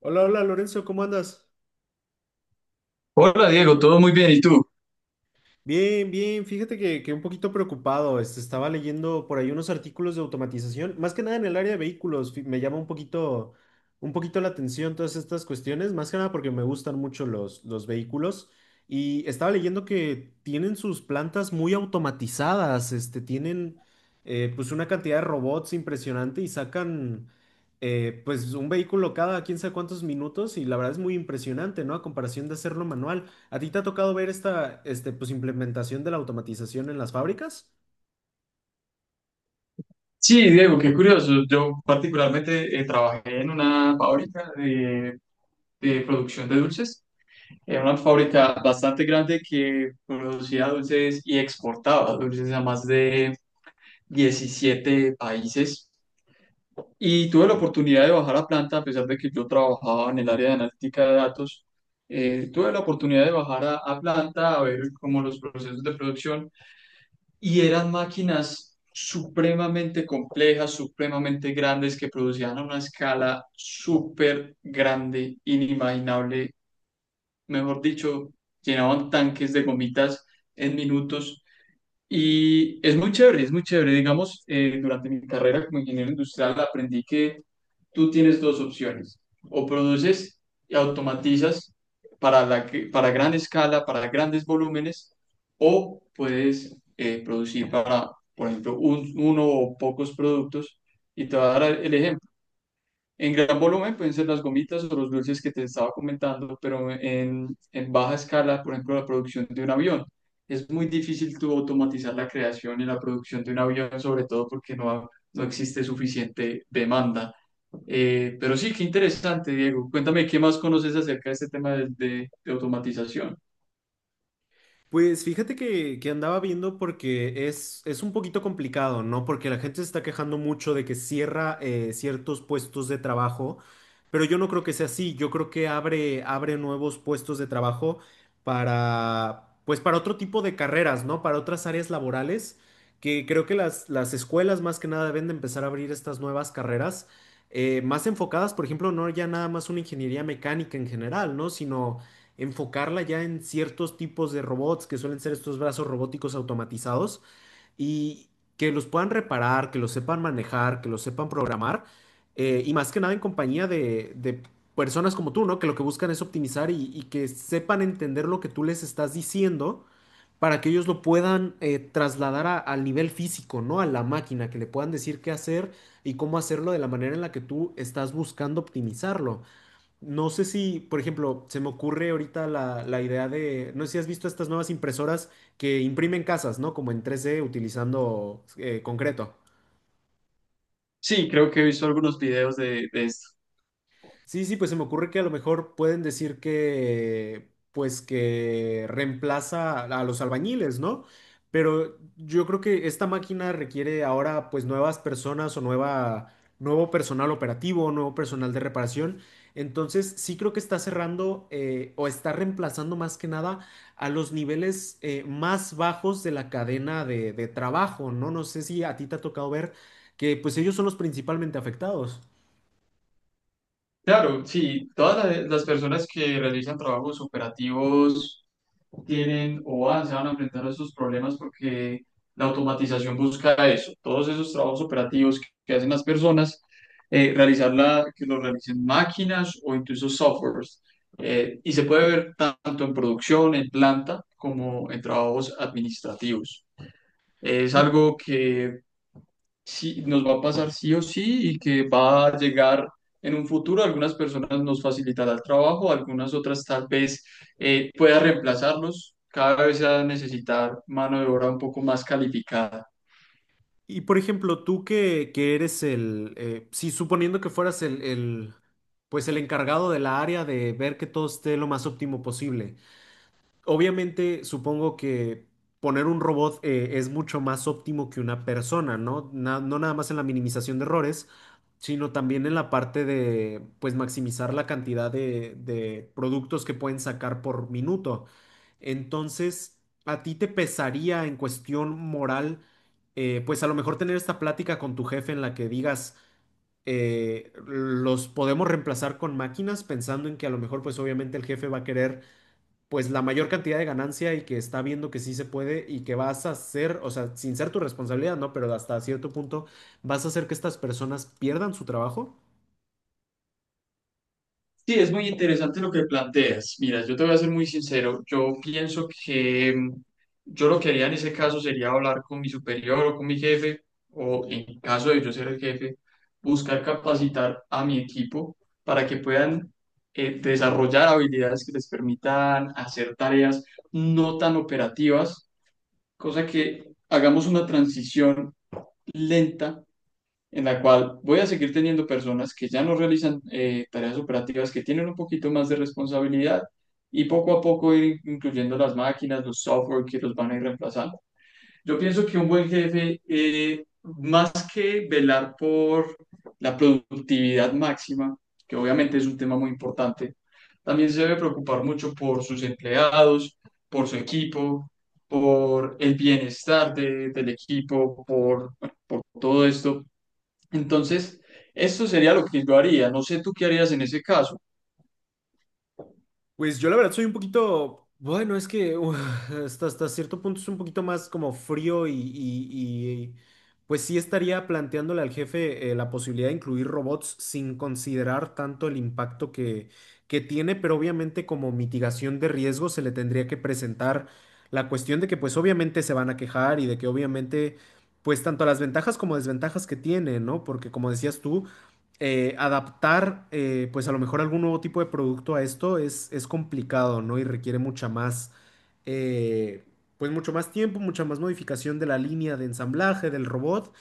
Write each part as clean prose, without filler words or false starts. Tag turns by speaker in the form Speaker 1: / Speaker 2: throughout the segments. Speaker 1: Hola, hola Lorenzo, ¿cómo andas?
Speaker 2: Hola Diego, todo muy bien. ¿Y tú?
Speaker 1: Bien, bien, fíjate que un poquito preocupado, estaba leyendo por ahí unos artículos de automatización, más que nada en el área de vehículos, me llama un poquito la atención todas estas cuestiones, más que nada porque me gustan mucho los vehículos y estaba leyendo que tienen sus plantas muy automatizadas, este, tienen pues una cantidad de robots impresionante y sacan pues un vehículo cada quién sabe cuántos minutos y la verdad es muy impresionante, ¿no? A comparación de hacerlo manual. ¿A ti te ha tocado ver esta, este, pues, implementación de la automatización en las fábricas?
Speaker 2: Sí, Diego, qué curioso. Yo particularmente trabajé en una fábrica de producción de dulces. Era una fábrica bastante grande que producía dulces y exportaba dulces a más de 17 países. Y tuve la oportunidad de bajar a planta, a pesar de que yo trabajaba en el área de analítica de datos. Tuve la oportunidad de bajar a planta a ver cómo los procesos de producción, y eran máquinas supremamente complejas, supremamente grandes, que producían a una escala súper grande, inimaginable. Mejor dicho, llenaban tanques de gomitas en minutos y es muy chévere, es muy chévere. Digamos, durante mi carrera como ingeniero industrial aprendí que tú tienes dos opciones. O produces y automatizas para, para gran escala, para grandes volúmenes, o puedes producir para, por ejemplo, uno o pocos productos. Y te voy a dar el ejemplo. En gran volumen pueden ser las gomitas o los dulces que te estaba comentando, pero en baja escala, por ejemplo, la producción de un avión. Es muy difícil tú automatizar la creación y la producción de un avión, sobre todo porque no, no existe suficiente demanda. Pero sí, qué interesante, Diego. Cuéntame, ¿qué más conoces acerca de este tema de automatización?
Speaker 1: Pues fíjate que andaba viendo porque es un poquito complicado, ¿no? Porque la gente se está quejando mucho de que cierra ciertos puestos de trabajo, pero yo no creo que sea así. Yo creo que abre nuevos puestos de trabajo para, pues para otro tipo de carreras, ¿no? Para otras áreas laborales, que creo que las escuelas más que nada deben de empezar a abrir estas nuevas carreras, más enfocadas, por ejemplo, no ya nada más una ingeniería mecánica en general, ¿no? Sino enfocarla ya en ciertos tipos de robots que suelen ser estos brazos robóticos automatizados y que los puedan reparar, que los sepan manejar, que los sepan programar, y más que nada en compañía de personas como tú, ¿no? Que lo que buscan es optimizar y que sepan entender lo que tú les estás diciendo para que ellos lo puedan, trasladar al nivel físico, ¿no? A la máquina, que le puedan decir qué hacer y cómo hacerlo de la manera en la que tú estás buscando optimizarlo. No sé si, por ejemplo, se me ocurre ahorita la idea de, no sé si has visto estas nuevas impresoras que imprimen casas, ¿no? Como en 3D utilizando concreto.
Speaker 2: Sí, creo que he visto algunos videos de esto.
Speaker 1: Sí, sí, pues se me ocurre que a lo mejor pueden decir que, pues que reemplaza a los albañiles, ¿no? Pero yo creo que esta máquina requiere ahora pues nuevas personas o nueva, nuevo personal operativo, nuevo personal de reparación. Entonces sí creo que está cerrando, o está reemplazando más que nada a los niveles más bajos de la cadena de trabajo, ¿no? No sé si a ti te ha tocado ver que pues ellos son los principalmente afectados.
Speaker 2: Claro, sí, las personas que realizan trabajos operativos tienen o van, se van a enfrentar a esos problemas porque la automatización busca eso, todos esos trabajos operativos que hacen las personas, realizarla, que lo realicen máquinas o incluso softwares. Y se puede ver tanto en producción, en planta, como en trabajos administrativos. Es
Speaker 1: Y
Speaker 2: algo que sí, nos va a pasar sí o sí y que va a llegar en un futuro. Algunas personas nos facilitará el trabajo, algunas otras tal vez pueda reemplazarnos. Cada vez se va a necesitar mano de obra un poco más calificada.
Speaker 1: Y por ejemplo, tú que eres el, sí, suponiendo que fueras el pues el encargado de la área de ver que todo esté lo más óptimo posible. Obviamente, supongo que poner un robot, es mucho más óptimo que una persona, ¿no? No nada más en la minimización de errores, sino también en la parte de, pues, maximizar la cantidad de productos que pueden sacar por minuto. Entonces, ¿a ti te pesaría en cuestión moral, pues a lo mejor tener esta plática con tu jefe en la que digas, los podemos reemplazar con máquinas, pensando en que a lo mejor, pues obviamente el jefe va a querer pues la mayor cantidad de ganancia y que está viendo que sí se puede y que vas a hacer, o sea, sin ser tu responsabilidad, ¿no? Pero hasta cierto punto vas a hacer que estas personas pierdan su trabajo.
Speaker 2: Sí, es muy interesante lo que planteas. Mira, yo te voy a ser muy sincero. Yo pienso que yo lo que haría en ese caso sería hablar con mi superior o con mi jefe, o en caso de yo ser el jefe, buscar capacitar a mi equipo para que puedan desarrollar habilidades que les permitan hacer tareas no tan operativas, cosa que hagamos una transición lenta en la cual voy a seguir teniendo personas que ya no realizan tareas operativas, que tienen un poquito más de responsabilidad, y poco a poco ir incluyendo las máquinas, los software que los van a ir reemplazando. Yo pienso que un buen jefe, más que velar por la productividad máxima, que obviamente es un tema muy importante, también se debe preocupar mucho por sus empleados, por su equipo, por el bienestar del equipo, por, bueno, por todo esto. Entonces, esto sería lo que yo haría. No sé tú qué harías en ese caso.
Speaker 1: Pues yo la verdad soy un poquito, bueno, es que uf, hasta, hasta cierto punto es un poquito más como frío y, pues sí estaría planteándole al jefe, la posibilidad de incluir robots sin considerar tanto el impacto que tiene, pero obviamente como mitigación de riesgo se le tendría que presentar la cuestión de que pues obviamente se van a quejar y de que obviamente pues tanto las ventajas como desventajas que tiene, ¿no? Porque como decías tú, adaptar, pues a lo mejor algún nuevo tipo de producto a esto es complicado, ¿no? Y requiere mucha más, eh, pues mucho más tiempo, mucha más modificación de la línea de ensamblaje del robot,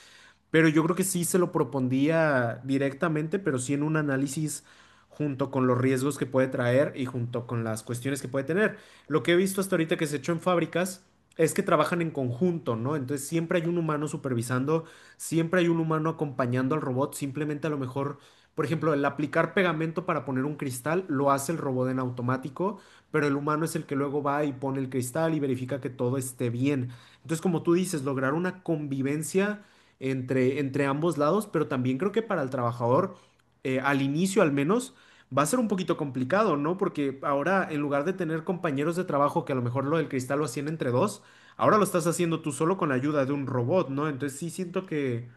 Speaker 1: pero yo creo que sí se lo propondría directamente, pero sí en un análisis junto con los riesgos que puede traer y junto con las cuestiones que puede tener. Lo que he visto hasta ahorita que se ha hecho en fábricas es que trabajan en conjunto, ¿no? Entonces siempre hay un humano supervisando, siempre hay un humano acompañando al robot, simplemente a lo mejor, por ejemplo, el aplicar pegamento para poner un cristal lo hace el robot en automático, pero el humano es el que luego va y pone el cristal y verifica que todo esté bien. Entonces, como tú dices, lograr una convivencia entre ambos lados, pero también creo que para el trabajador, al inicio al menos, va a ser un poquito complicado, ¿no? Porque ahora, en lugar de tener compañeros de trabajo que a lo mejor lo del cristal lo hacían entre dos, ahora lo estás haciendo tú solo con la ayuda de un robot, ¿no? Entonces sí siento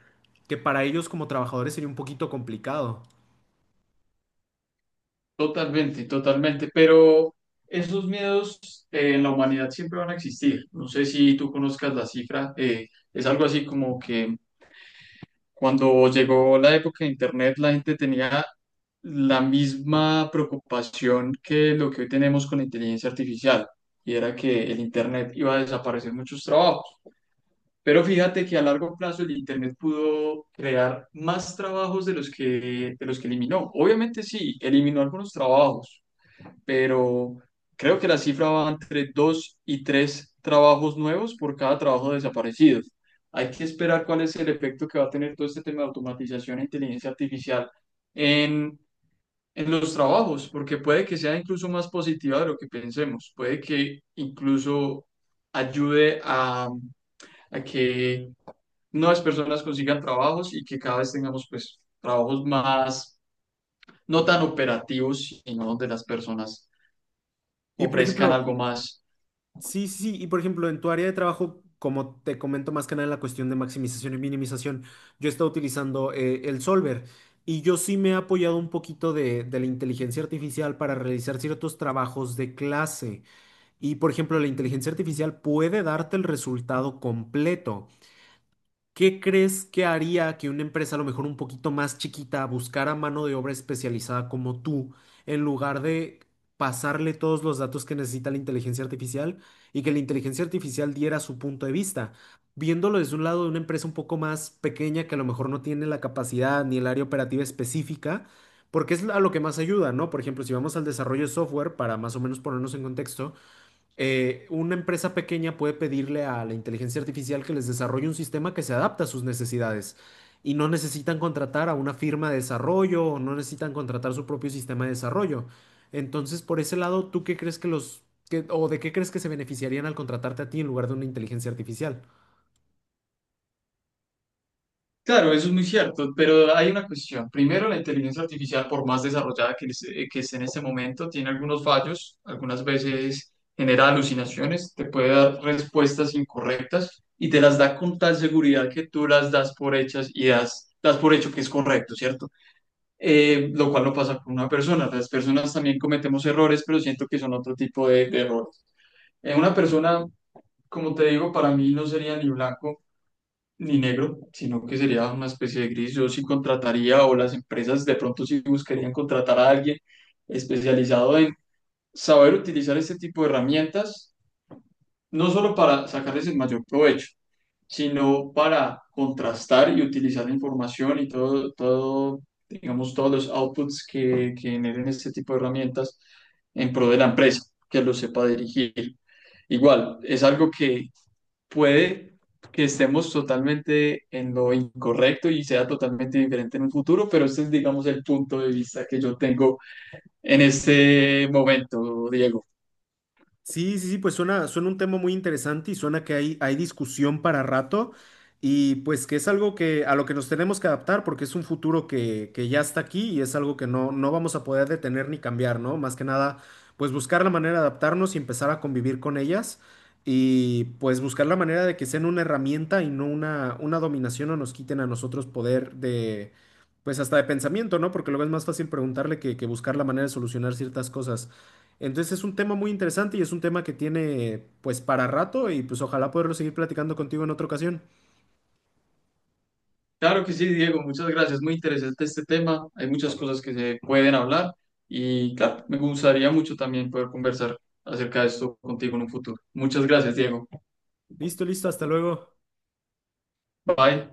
Speaker 1: que para ellos como trabajadores sería un poquito complicado.
Speaker 2: Totalmente, totalmente. Pero esos miedos, en la humanidad siempre van a existir. No sé si tú conozcas la cifra. Es algo así como que cuando llegó la época de Internet, la gente tenía la misma preocupación que lo que hoy tenemos con la inteligencia artificial. Y era que el Internet iba a desaparecer muchos trabajos. Pero fíjate que a largo plazo el Internet pudo crear más trabajos de los que eliminó. Obviamente sí, eliminó algunos trabajos, pero creo que la cifra va entre dos y tres trabajos nuevos por cada trabajo desaparecido. Hay que esperar cuál es el efecto que va a tener todo este tema de automatización e inteligencia artificial en, en los trabajos, porque puede que sea incluso más positiva de lo que pensemos, puede que incluso ayude a que nuevas personas consigan trabajos y que cada vez tengamos pues trabajos más, no tan operativos, sino donde las personas
Speaker 1: Y por
Speaker 2: ofrezcan
Speaker 1: ejemplo,
Speaker 2: algo más.
Speaker 1: Sí, sí, sí. Y por ejemplo, en tu área de trabajo, como te comento más que nada en la cuestión de maximización y minimización, yo he estado utilizando, el Solver y yo sí me he apoyado un poquito de la inteligencia artificial para realizar ciertos trabajos de clase. Y por ejemplo, la inteligencia artificial puede darte el resultado completo. ¿Qué crees que haría que una empresa a lo mejor un poquito más chiquita buscara mano de obra especializada como tú, en lugar de pasarle todos los datos que necesita la inteligencia artificial y que la inteligencia artificial diera su punto de vista? Viéndolo desde un lado de una empresa un poco más pequeña que a lo mejor no tiene la capacidad ni el área operativa específica, porque es a lo que más ayuda, ¿no? Por ejemplo, si vamos al desarrollo de software, para más o menos ponernos en contexto, una empresa pequeña puede pedirle a la inteligencia artificial que les desarrolle un sistema que se adapte a sus necesidades y no necesitan contratar a una firma de desarrollo o no necesitan contratar su propio sistema de desarrollo. Entonces, por ese lado, ¿tú qué crees que o de qué crees que se beneficiarían al contratarte a ti en lugar de una inteligencia artificial?
Speaker 2: Claro, eso es muy cierto, pero hay una cuestión. Primero, la inteligencia artificial, por más desarrollada que esté en este momento, tiene algunos fallos, algunas veces genera alucinaciones, te puede dar respuestas incorrectas y te las da con tal seguridad que tú las das por hechas y das por hecho que es correcto, ¿cierto? Lo cual no pasa con una persona. Las personas también cometemos errores, pero siento que son otro tipo de errores. Una persona, como te digo, para mí no sería ni blanco ni negro, sino que sería una especie de gris. Yo sí contrataría, o las empresas de pronto sí buscarían contratar a alguien especializado en saber utilizar este tipo de herramientas no solo para sacarles el mayor provecho, sino para contrastar y utilizar la información y todo, todo, digamos, todos los outputs que generen este tipo de herramientas en pro de la empresa, que lo sepa dirigir. Igual, es algo que puede que estemos totalmente en lo incorrecto y sea totalmente diferente en un futuro, pero este es, digamos, el punto de vista que yo tengo en este momento, Diego.
Speaker 1: Sí, sí, sí, pues suena, suena un tema muy interesante y suena que hay discusión para rato y pues que es algo que a lo que nos tenemos que adaptar porque es un futuro que ya está aquí y es algo que no, no vamos a poder detener ni cambiar, ¿no? Más que nada, pues buscar la manera de adaptarnos y empezar a convivir con ellas y pues buscar la manera de que sean una herramienta y no una, una dominación o nos quiten a nosotros poder de, pues hasta de pensamiento, ¿no? Porque luego es más fácil preguntarle que buscar la manera de solucionar ciertas cosas. Entonces es un tema muy interesante y es un tema que tiene pues para rato y pues ojalá poderlo seguir platicando contigo en otra ocasión.
Speaker 2: Claro que sí, Diego, muchas gracias. Muy interesante este tema. Hay muchas cosas que se pueden hablar y claro, me gustaría mucho también poder conversar acerca de esto contigo en un futuro. Muchas gracias, Diego.
Speaker 1: Listo, listo, hasta luego.
Speaker 2: Bye.